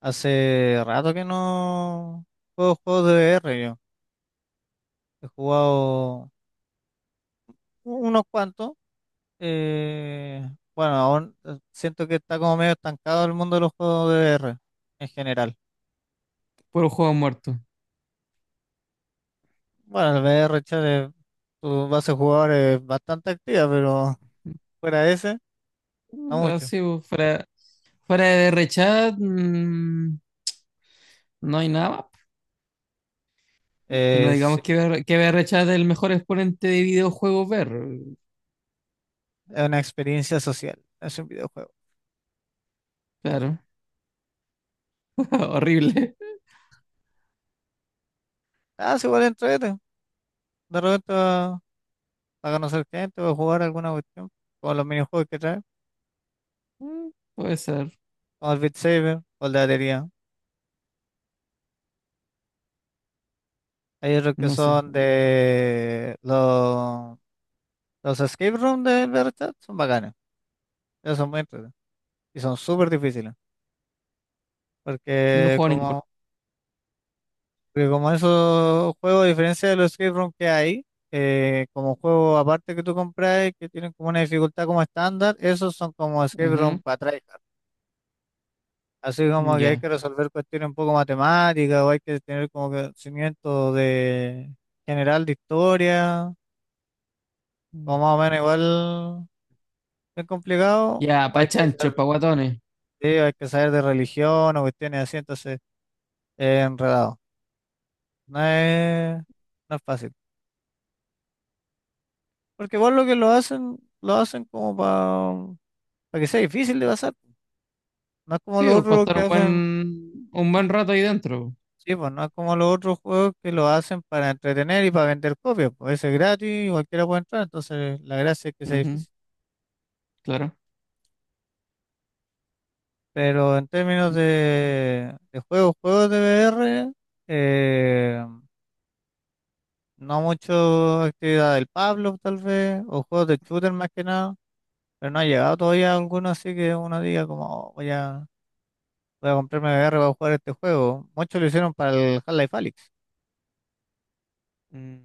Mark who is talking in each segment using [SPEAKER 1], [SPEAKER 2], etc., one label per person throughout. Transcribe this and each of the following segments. [SPEAKER 1] Hace rato que no juego juegos de VR yo. He jugado unos cuantos. eh, bueno, aún siento que está como medio estancado el mundo de los juegos de VR en general.
[SPEAKER 2] Puro juego muerto.
[SPEAKER 1] Bueno, el VR, chale, tu base de jugadores es bastante activa, pero fuera de ese, no mucho.
[SPEAKER 2] Así, pues, fuera de Rechat, no hay nada más. Po. Y no
[SPEAKER 1] Sí,
[SPEAKER 2] digamos que, BR que Rechat es el mejor exponente de videojuegos ver.
[SPEAKER 1] es una experiencia social, es un videojuego.
[SPEAKER 2] Claro, horrible.
[SPEAKER 1] Ah, sí, igual entrete. De repente para conocer gente o jugar alguna cuestión, como los minijuegos que trae,
[SPEAKER 2] Mm. Puede ser,
[SPEAKER 1] como el Beat Saber o el de batería. Hay otros que
[SPEAKER 2] no sé.
[SPEAKER 1] son
[SPEAKER 2] Yo
[SPEAKER 1] de los escape room de Berchat, son bacanes. Esos son muy entretenidos. Y son súper difíciles.
[SPEAKER 2] yo no
[SPEAKER 1] Porque
[SPEAKER 2] juego a ninguno.
[SPEAKER 1] como, porque como esos juegos, a diferencia de los escape room que hay, como juegos aparte que tú compras que tienen como una dificultad como estándar, esos son como escape room para tryhard. Así como
[SPEAKER 2] Ujú.
[SPEAKER 1] que hay
[SPEAKER 2] Ya.
[SPEAKER 1] que resolver cuestiones un poco matemáticas o hay que tener como conocimiento de general de historia, como
[SPEAKER 2] Mm.
[SPEAKER 1] más o menos igual. Es complicado,
[SPEAKER 2] Ya,
[SPEAKER 1] o
[SPEAKER 2] pa'
[SPEAKER 1] hay que
[SPEAKER 2] chanchos,
[SPEAKER 1] saber,
[SPEAKER 2] pa' guatones.
[SPEAKER 1] sí, hay que saber de religión o cuestiones así, entonces es enredado. No es, no es fácil. Porque igual lo que lo hacen como para que sea difícil de pasar. No es como
[SPEAKER 2] Sí,
[SPEAKER 1] los
[SPEAKER 2] o para
[SPEAKER 1] otros
[SPEAKER 2] estar
[SPEAKER 1] que
[SPEAKER 2] un buen,
[SPEAKER 1] hacen,
[SPEAKER 2] un buen rato ahí dentro.
[SPEAKER 1] sí, pues no es como los otros juegos que lo hacen para entretener y para vender copias. Pues ese es gratis, y cualquiera puede entrar, entonces la gracia es que sea
[SPEAKER 2] Ujú.
[SPEAKER 1] difícil.
[SPEAKER 2] Claro.
[SPEAKER 1] Pero en términos de juegos, juegos de VR, no mucho actividad del Pablo, tal vez, o juegos de shooter más que nada, pero no ha llegado todavía alguno así que uno diga como "Oh, voy a comprarme VR para jugar este juego". Muchos lo hicieron para el Half-Life Alyx,
[SPEAKER 2] Mm.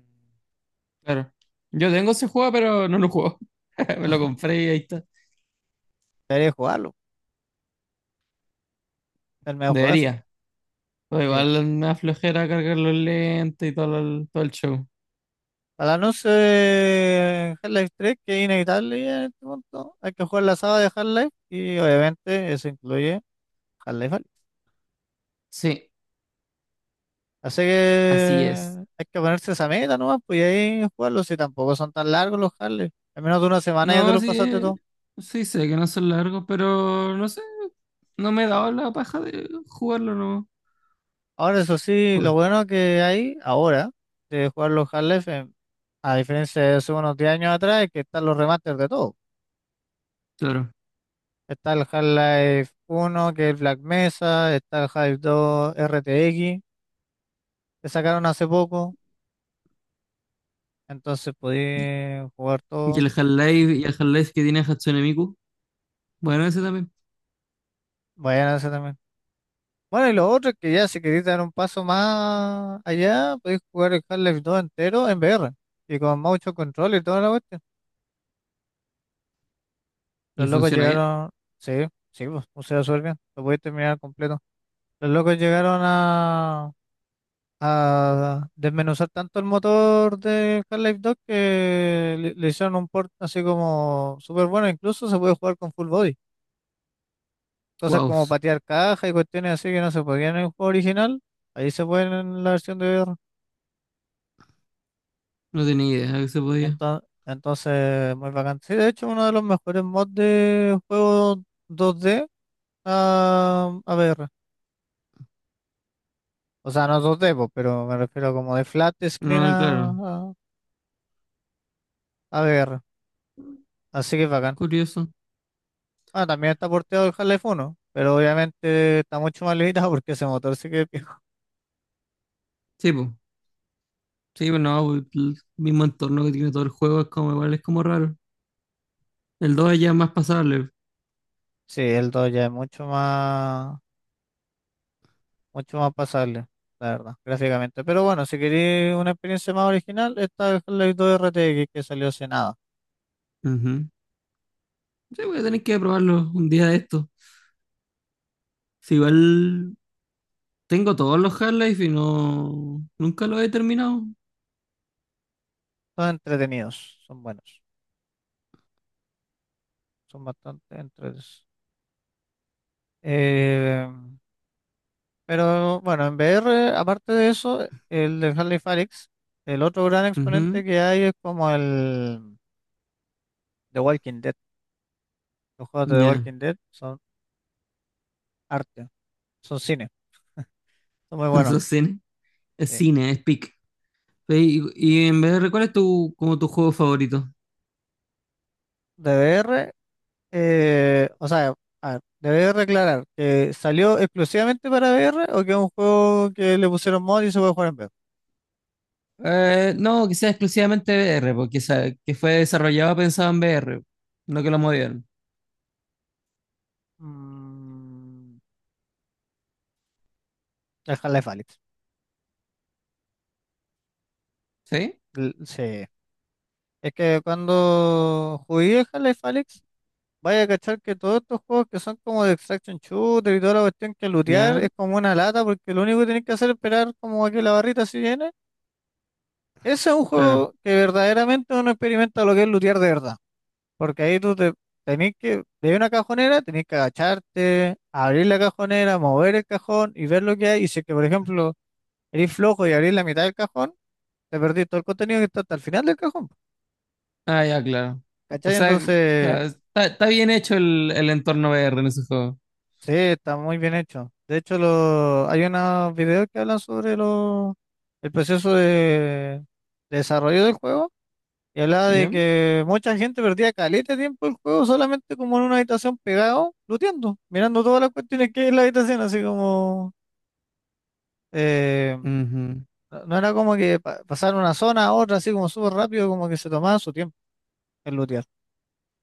[SPEAKER 2] Claro. Yo tengo ese juego, pero no lo juego. Me lo compré y ahí está.
[SPEAKER 1] debería jugarlo, es el mejor juegazo.
[SPEAKER 2] Debería. O
[SPEAKER 1] Sí.
[SPEAKER 2] igual me da flojera cargar los lentes y todo el show.
[SPEAKER 1] Para no ser Half-Life 3, que es inevitable ya en este punto, hay que jugar la saga de Half-Life y obviamente eso incluye Half-Life Alyx.
[SPEAKER 2] Sí,
[SPEAKER 1] Así
[SPEAKER 2] así
[SPEAKER 1] que
[SPEAKER 2] es.
[SPEAKER 1] hay que ponerse esa meta nomás, pues, y ahí jugarlos, si tampoco son tan largos los Harley. En menos de una semana ya te
[SPEAKER 2] No,
[SPEAKER 1] lo pasaste
[SPEAKER 2] sí,
[SPEAKER 1] todo.
[SPEAKER 2] sí sé que no son largos, pero no sé, no me he dado la paja de jugarlo, no.
[SPEAKER 1] Ahora, eso sí, lo
[SPEAKER 2] Por,
[SPEAKER 1] bueno que hay ahora de jugar los Harley, a diferencia de hace unos 10 años atrás, es que están los remasters de todo.
[SPEAKER 2] claro.
[SPEAKER 1] Está el Half-Life 1, que es el Black Mesa, está el Half-Life 2 RTX, que sacaron hace poco, entonces podí
[SPEAKER 2] Y,
[SPEAKER 1] jugar
[SPEAKER 2] y
[SPEAKER 1] todo.
[SPEAKER 2] el Half-Life, y el Half-Life que tiene Hatsune Miku, bueno, ese también.
[SPEAKER 1] Vayan a ese también. Bueno, y lo otro es que ya si queréis dar un paso más allá, podéis jugar el Half-Life 2 entero en VR y con mucho control y toda la cuestión. Los
[SPEAKER 2] Y
[SPEAKER 1] locos
[SPEAKER 2] funciona bien.
[SPEAKER 1] llegaron, sí, sí, pues, o sea, súper bien, lo podéis terminar completo. Los locos llegaron a desmenuzar tanto el motor del Half-Life 2 que le hicieron un port así como súper bueno, incluso se puede jugar con full body, cosas
[SPEAKER 2] Wow,
[SPEAKER 1] como patear caja y cuestiones así que no se podían en el juego original, ahí se pueden en la versión de VR.
[SPEAKER 2] no tenía idea que se podía.
[SPEAKER 1] Entonces, muy bacán. Sí, de hecho, uno de los mejores mods de juego dos d a VR. O sea, no dos d po, pero me refiero como de flat screen
[SPEAKER 2] No,
[SPEAKER 1] a,
[SPEAKER 2] claro,
[SPEAKER 1] a, a VR. Así que bacán.
[SPEAKER 2] curioso.
[SPEAKER 1] Ah, también está porteado el Half-Life 1, pero obviamente está mucho más limitado porque ese motor sí que es viejo.
[SPEAKER 2] Sí, pues, sí, pues no, pues, el mismo entorno que tiene todo el juego es como igual, es como raro. El 2 ya es más pasable.
[SPEAKER 1] Sí, el 2 ya es mucho más pasable, la verdad, gráficamente. Pero bueno, si queréis una experiencia más original, está el Half-Life dos R T RTX que salió hace nada.
[SPEAKER 2] Ujú. Sí, voy a tener que probarlo un día de esto. Si igual tengo todos los Half-Life y no. Nunca los he terminado.
[SPEAKER 1] Son entretenidos, son buenos. Son bastante entretenidos. Eh, pero bueno, en VR, aparte de eso, el de Harley Falix, el otro gran
[SPEAKER 2] Ujú.
[SPEAKER 1] exponente que hay es como el The Walking Dead. Los juegos de The
[SPEAKER 2] Ya.
[SPEAKER 1] Walking Dead son arte, son cine, son muy buenos.
[SPEAKER 2] Eso es cine. Es
[SPEAKER 1] Sí.
[SPEAKER 2] cine, es pic. Y, y en VR, ¿cuál es tu, como tu juego favorito?
[SPEAKER 1] De VR, o sea, a ver, deber aclarar que salió exclusivamente para VR o que es un juego que le pusieron mod y se puede jugar en VR.
[SPEAKER 2] No, que sea exclusivamente VR, porque sa- que fue desarrollado pensado en VR, no que lo movieron.
[SPEAKER 1] Mm, el Half-Life Alyx.
[SPEAKER 2] ¿Sí?
[SPEAKER 1] Sí, es que cuando jugué Half-Life Alyx, vaya a cachar que todos estos juegos que son como de extraction shooter y toda la cuestión que lootear
[SPEAKER 2] Ya,
[SPEAKER 1] es como una lata porque lo único que tienes que hacer es esperar como a que la barrita se llene. Ese es un
[SPEAKER 2] claro.
[SPEAKER 1] juego que verdaderamente uno experimenta lo que es lootear de verdad. Porque ahí tú te tenés que, de una cajonera, tenés que agacharte, abrir la cajonera, mover el cajón y ver lo que hay. Y si es que, por ejemplo, eres flojo y abrís la mitad del cajón, te perdís todo el contenido que está hasta el final del cajón.
[SPEAKER 2] Ah, ya, claro. O
[SPEAKER 1] ¿Cachai?
[SPEAKER 2] sea,
[SPEAKER 1] Entonces,
[SPEAKER 2] ya, está, está bien hecho el entorno VR en ese juego.
[SPEAKER 1] sí, está muy bien hecho. De hecho, hay unos videos que hablan sobre el proceso de desarrollo del juego y hablaba de
[SPEAKER 2] ¿Ya?
[SPEAKER 1] que mucha gente perdía caleta de tiempo el juego solamente como en una habitación pegado, looteando, mirando todas las cuestiones que hay en la habitación, así como... eh,
[SPEAKER 2] Ujú.
[SPEAKER 1] no era como que pasar una zona a otra así como súper rápido, como que se tomaba su tiempo en lootear.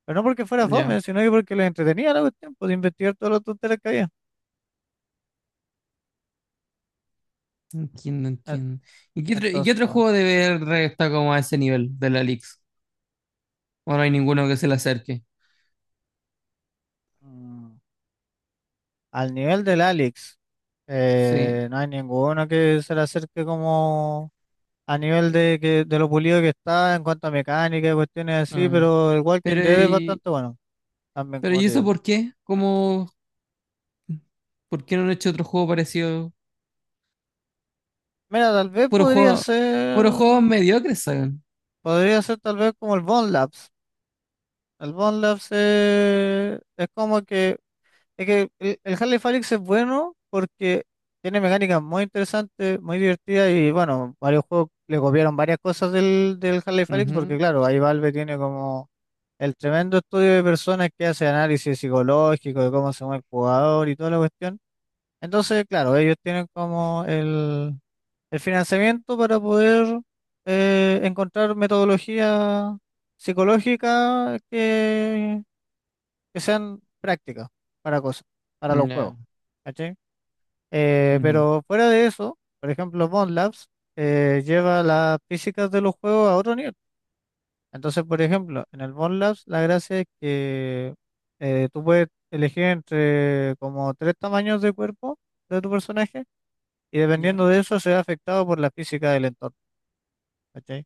[SPEAKER 1] Pero no porque fuera
[SPEAKER 2] Ya.
[SPEAKER 1] fome, sino que porque les entretenía la cuestión, pues, de investigar todas las tonteras que había.
[SPEAKER 2] Entiendo,
[SPEAKER 1] Eh,
[SPEAKER 2] entiendo. Y qué
[SPEAKER 1] Entonces,
[SPEAKER 2] otro
[SPEAKER 1] está bueno.
[SPEAKER 2] juego de VR está como a ese nivel de la Lix? O no hay ninguno que se le acerque.
[SPEAKER 1] Mm. Al nivel del Alex,
[SPEAKER 2] Sí.
[SPEAKER 1] no hay ninguno que se le acerque como a nivel de lo pulido que está en cuanto a mecánica y cuestiones así,
[SPEAKER 2] Ah.
[SPEAKER 1] pero el Walking
[SPEAKER 2] Pero,
[SPEAKER 1] Dead es
[SPEAKER 2] y,
[SPEAKER 1] bastante bueno, también
[SPEAKER 2] pero
[SPEAKER 1] como
[SPEAKER 2] ¿y
[SPEAKER 1] te
[SPEAKER 2] eso
[SPEAKER 1] digo.
[SPEAKER 2] por qué? ¿Cómo, por qué no han hecho otro juego parecido?
[SPEAKER 1] Mira, tal vez
[SPEAKER 2] Puro juego, puro juego mediocre, saben.
[SPEAKER 1] podría ser tal vez como el Bone Labs. El Bone Labs es como que. Es que el Half-Life Alyx es bueno porque tiene mecánicas muy interesantes, muy divertidas y bueno, varios juegos le copiaron varias cosas del Half-Life Alyx porque
[SPEAKER 2] Ujú.
[SPEAKER 1] claro, ahí Valve tiene como el tremendo estudio de personas que hace análisis psicológico de cómo se mueve el jugador y toda la cuestión. Entonces, claro, ellos tienen como el financiamiento para poder encontrar metodología psicológica que sean prácticas para cosas, para los juegos,
[SPEAKER 2] Ya.
[SPEAKER 1] ¿cachai?
[SPEAKER 2] Ujú.
[SPEAKER 1] Pero fuera de eso, por ejemplo, Bond Labs lleva las físicas de los juegos a otro nivel. Entonces, por ejemplo, en el Bond Labs la gracia es que tú puedes elegir entre como tres tamaños de cuerpo de tu personaje y
[SPEAKER 2] Ya.
[SPEAKER 1] dependiendo de eso se ve afectado por la física del entorno, ¿cachai?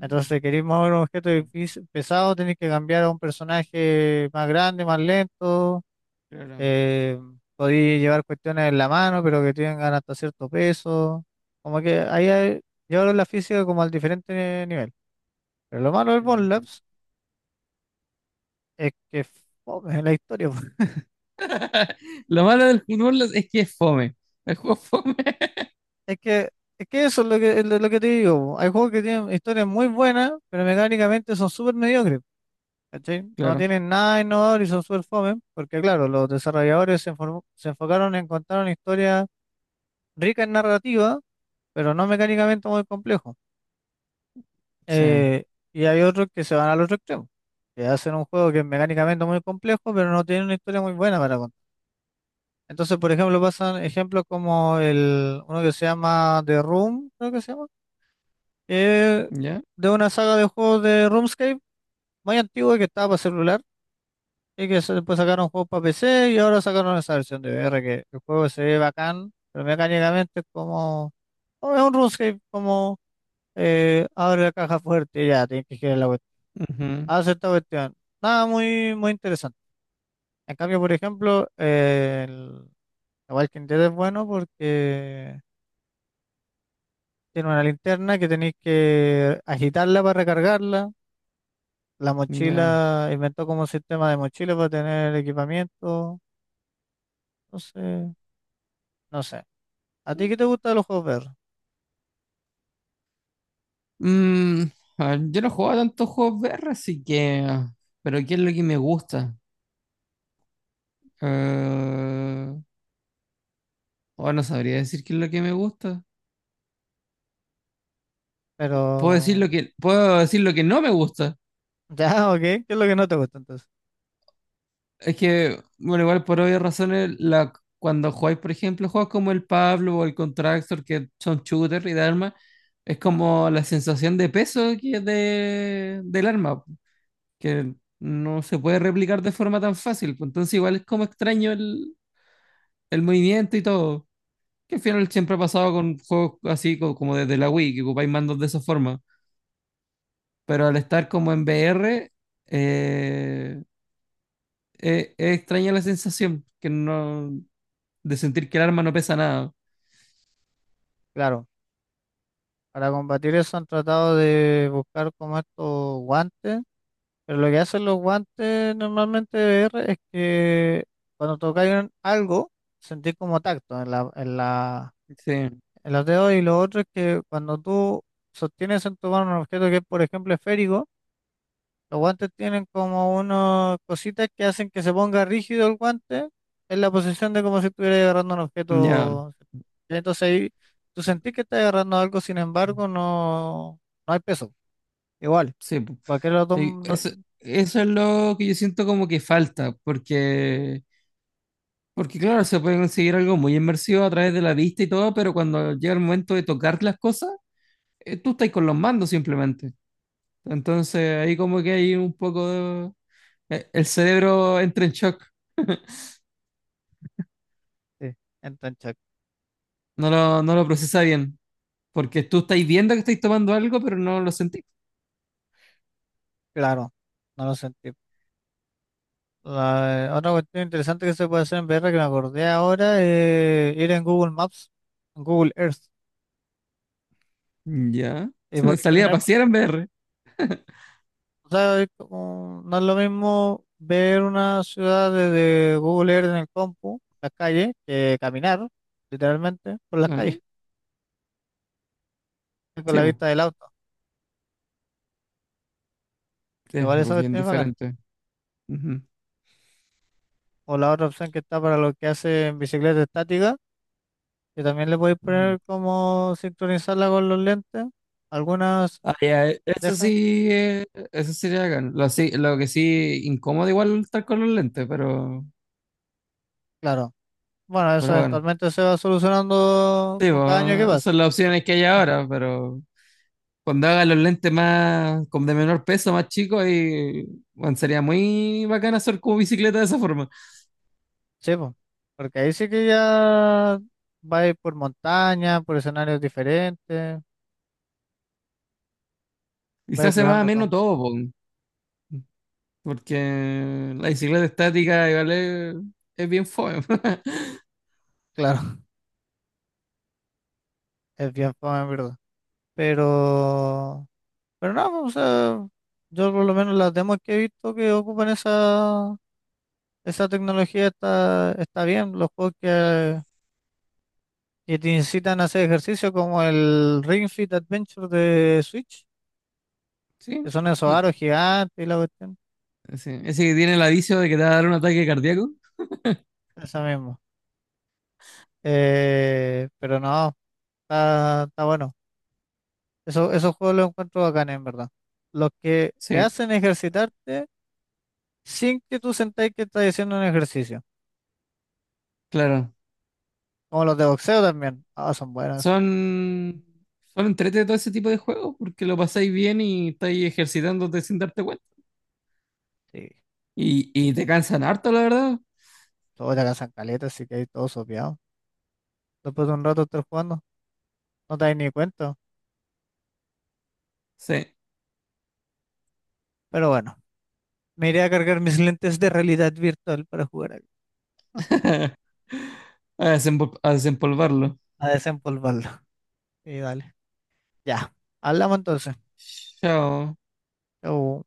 [SPEAKER 1] Entonces, si queréis mover un objeto
[SPEAKER 2] Ya,
[SPEAKER 1] pesado, tenéis que cambiar a un personaje más grande, más lento.
[SPEAKER 2] claro.
[SPEAKER 1] Eh, Podéis llevar cuestiones en la mano, pero que tengan hasta cierto peso. Como que ahí llevaron la física como al diferente nivel. Pero lo malo del
[SPEAKER 2] Ya
[SPEAKER 1] Bond
[SPEAKER 2] entiendo.
[SPEAKER 1] Labs es que fome la historia, po.
[SPEAKER 2] Lo malo del fútbol es que es fome. El juego es fome.
[SPEAKER 1] Es que, es que eso es lo que, te digo, po. Hay juegos que tienen historias muy buenas, pero mecánicamente son súper mediocres. ¿Cachai? No
[SPEAKER 2] Claro.
[SPEAKER 1] tienen nada innovador y son súper fome, porque claro, los desarrolladores se enfocaron en contar una historia rica en narrativa, pero no mecánicamente muy complejo.
[SPEAKER 2] Sí.
[SPEAKER 1] Eh, y hay otros que se van al otro extremo, que hacen un juego que es mecánicamente muy complejo, pero no tiene una historia muy buena para contar. Entonces, por ejemplo, pasan ejemplos como uno que se llama The Room, creo que se llama, que es
[SPEAKER 2] Ya.
[SPEAKER 1] de una saga de juegos de RuneScape muy antigua que estaba para celular y que después sacaron juegos para PC y ahora sacaron esa versión de VR que el juego se ve bacán, pero mecánicamente es como, como es un RuneScape, como abre la caja fuerte y ya, tienes que girar la,
[SPEAKER 2] Ujú.
[SPEAKER 1] hace esta cuestión. Nada muy, muy interesante. En cambio, por ejemplo, el The Walking Dead es bueno porque tiene una linterna que tenéis que agitarla para recargarla. La
[SPEAKER 2] Ya.
[SPEAKER 1] mochila inventó como un sistema de mochila para tener equipamiento. Entonces, no sé. ¿A ti qué te gusta de los juegos VR?
[SPEAKER 2] Mm, a ver, yo no juego a tantos juegos VR, así que... Pero ¿qué es lo que me gusta? Eh, oh, no sabría decir qué es lo que me gusta.
[SPEAKER 1] Pero,
[SPEAKER 2] Puedo decir lo que, puedo decir lo que no me gusta.
[SPEAKER 1] ya, ok. ¿Qué es lo que no te gusta entonces?
[SPEAKER 2] Es que, bueno, igual por obvias razones, la, cuando jugáis, por ejemplo, juegos como el Pablo o el Contractor, que son shooter y de armas, es como la sensación de peso que es de, del arma, que no se puede replicar de forma tan fácil. Pues, Entonces igual es como extraño el movimiento y todo. Que al final siempre ha pasado con juegos así co- como desde la Wii, que ocupáis mandos de esa forma. Pero al estar como en VR, eh, es extraña la sensación que no, de sentir que el arma no pesa nada.
[SPEAKER 1] Claro, para combatir eso han tratado de buscar como estos guantes. Pero lo que hacen los guantes normalmente de VR es que cuando tocáis algo, sentís como tacto en la,
[SPEAKER 2] Sí,
[SPEAKER 1] en los dedos y lo otro es que cuando tú sostienes en tu mano un objeto que es, por ejemplo, esférico, los guantes tienen como unas cositas que hacen que se ponga rígido el guante en la posición de como si estuvieras agarrando un
[SPEAKER 2] ya,
[SPEAKER 1] objeto. Entonces ahí tú sentís que estás agarrando algo, sin embargo, no, no hay peso. Igual,
[SPEAKER 2] sí. pu.
[SPEAKER 1] cualquier otro...
[SPEAKER 2] Y Eso es lo que yo siento como que falta, porque, porque claro, se puede conseguir algo muy inmersivo a través de la vista y todo, pero cuando llega el momento de tocar las cosas, tú estás con los mandos simplemente. Entonces ahí como que hay un poco de, E- El cerebro entra en shock,
[SPEAKER 1] Sí, entonces.
[SPEAKER 2] no lo procesa bien, porque tú estáis viendo que estáis tomando algo, pero no lo sentís.
[SPEAKER 1] Claro, no lo sentí. Otra cuestión interesante que se puede hacer en VR que me acordé ahora es ir en Google Maps, en Google Earth,
[SPEAKER 2] Ya.
[SPEAKER 1] y poder
[SPEAKER 2] Salí a
[SPEAKER 1] caminar por...
[SPEAKER 2] pasear en VR.
[SPEAKER 1] O sea, no es lo mismo ver una ciudad desde Google Earth en el compu, las calles, que caminar literalmente por las
[SPEAKER 2] Ah,
[SPEAKER 1] calles, con
[SPEAKER 2] sí,
[SPEAKER 1] la
[SPEAKER 2] pues,
[SPEAKER 1] vista del auto.
[SPEAKER 2] es
[SPEAKER 1] Igual esa
[SPEAKER 2] pues, bien
[SPEAKER 1] cuestión es bacán.
[SPEAKER 2] diferente. Ujú.
[SPEAKER 1] O la otra opción que está para lo que hace en bicicleta estática, que también le podéis
[SPEAKER 2] Ujú.
[SPEAKER 1] poner como sincronizarla con los lentes. Algunas
[SPEAKER 2] Ah, ya,
[SPEAKER 1] dejan,
[SPEAKER 2] eso sí le hagan. Lo, sí- lo que sí, incómodo igual estar con los lentes,
[SPEAKER 1] claro. Bueno, eso
[SPEAKER 2] pero bueno.
[SPEAKER 1] eventualmente se va solucionando
[SPEAKER 2] Sí,
[SPEAKER 1] con cada año que
[SPEAKER 2] pues, esas
[SPEAKER 1] pasa.
[SPEAKER 2] son las opciones que hay ahora, pero cuando hagan los lentes más, con de menor peso, más chicos, y bueno, sería muy bacán hacer como bicicleta de esa forma.
[SPEAKER 1] Sí, po. Porque ahí sí que ya va a ir por montaña, por escenarios diferentes,
[SPEAKER 2] Y
[SPEAKER 1] va
[SPEAKER 2] se hace más
[SPEAKER 1] explorando todo.
[SPEAKER 2] menos todo, po, porque la bicicleta estática igual es bien fome.
[SPEAKER 1] Claro, es bien fome, en verdad. Pero, pero no, po, o sea, yo por lo menos las demos que he visto que ocupan esa tecnología está bien. Los juegos que te incitan a hacer ejercicio, como el Ring Fit Adventure de Switch,
[SPEAKER 2] Sí,
[SPEAKER 1] que son esos
[SPEAKER 2] no,
[SPEAKER 1] aros gigantes y la cuestión.
[SPEAKER 2] sí. Ese que tiene el aviso de que te va a dar un ataque cardíaco.
[SPEAKER 1] Esa mismo. Pero no, está bueno. Eso, esos juegos los encuentro bacanes, en verdad. Los que te
[SPEAKER 2] Sí,
[SPEAKER 1] hacen ejercitarte sin que tú sentáis que estás haciendo un ejercicio.
[SPEAKER 2] claro.
[SPEAKER 1] Como los de boxeo también. Ah, son buenos.
[SPEAKER 2] Son, son entrete todo ese tipo de juegos porque lo pasáis bien y estáis ejercitándote sin darte cuenta.
[SPEAKER 1] Sí,
[SPEAKER 2] Y te cansan harto, la verdad.
[SPEAKER 1] todos te cazan caletas, así que hay todos sopeados. Después de un rato estar jugando, no te das ni cuenta.
[SPEAKER 2] Sí.
[SPEAKER 1] Pero bueno, me iré a cargar mis lentes de realidad virtual para jugar a,
[SPEAKER 2] A desempol- a desempolvarlo.
[SPEAKER 1] a desempolvarlo. Y dale, ya. Hablamos entonces.
[SPEAKER 2] Chao.
[SPEAKER 1] Chau.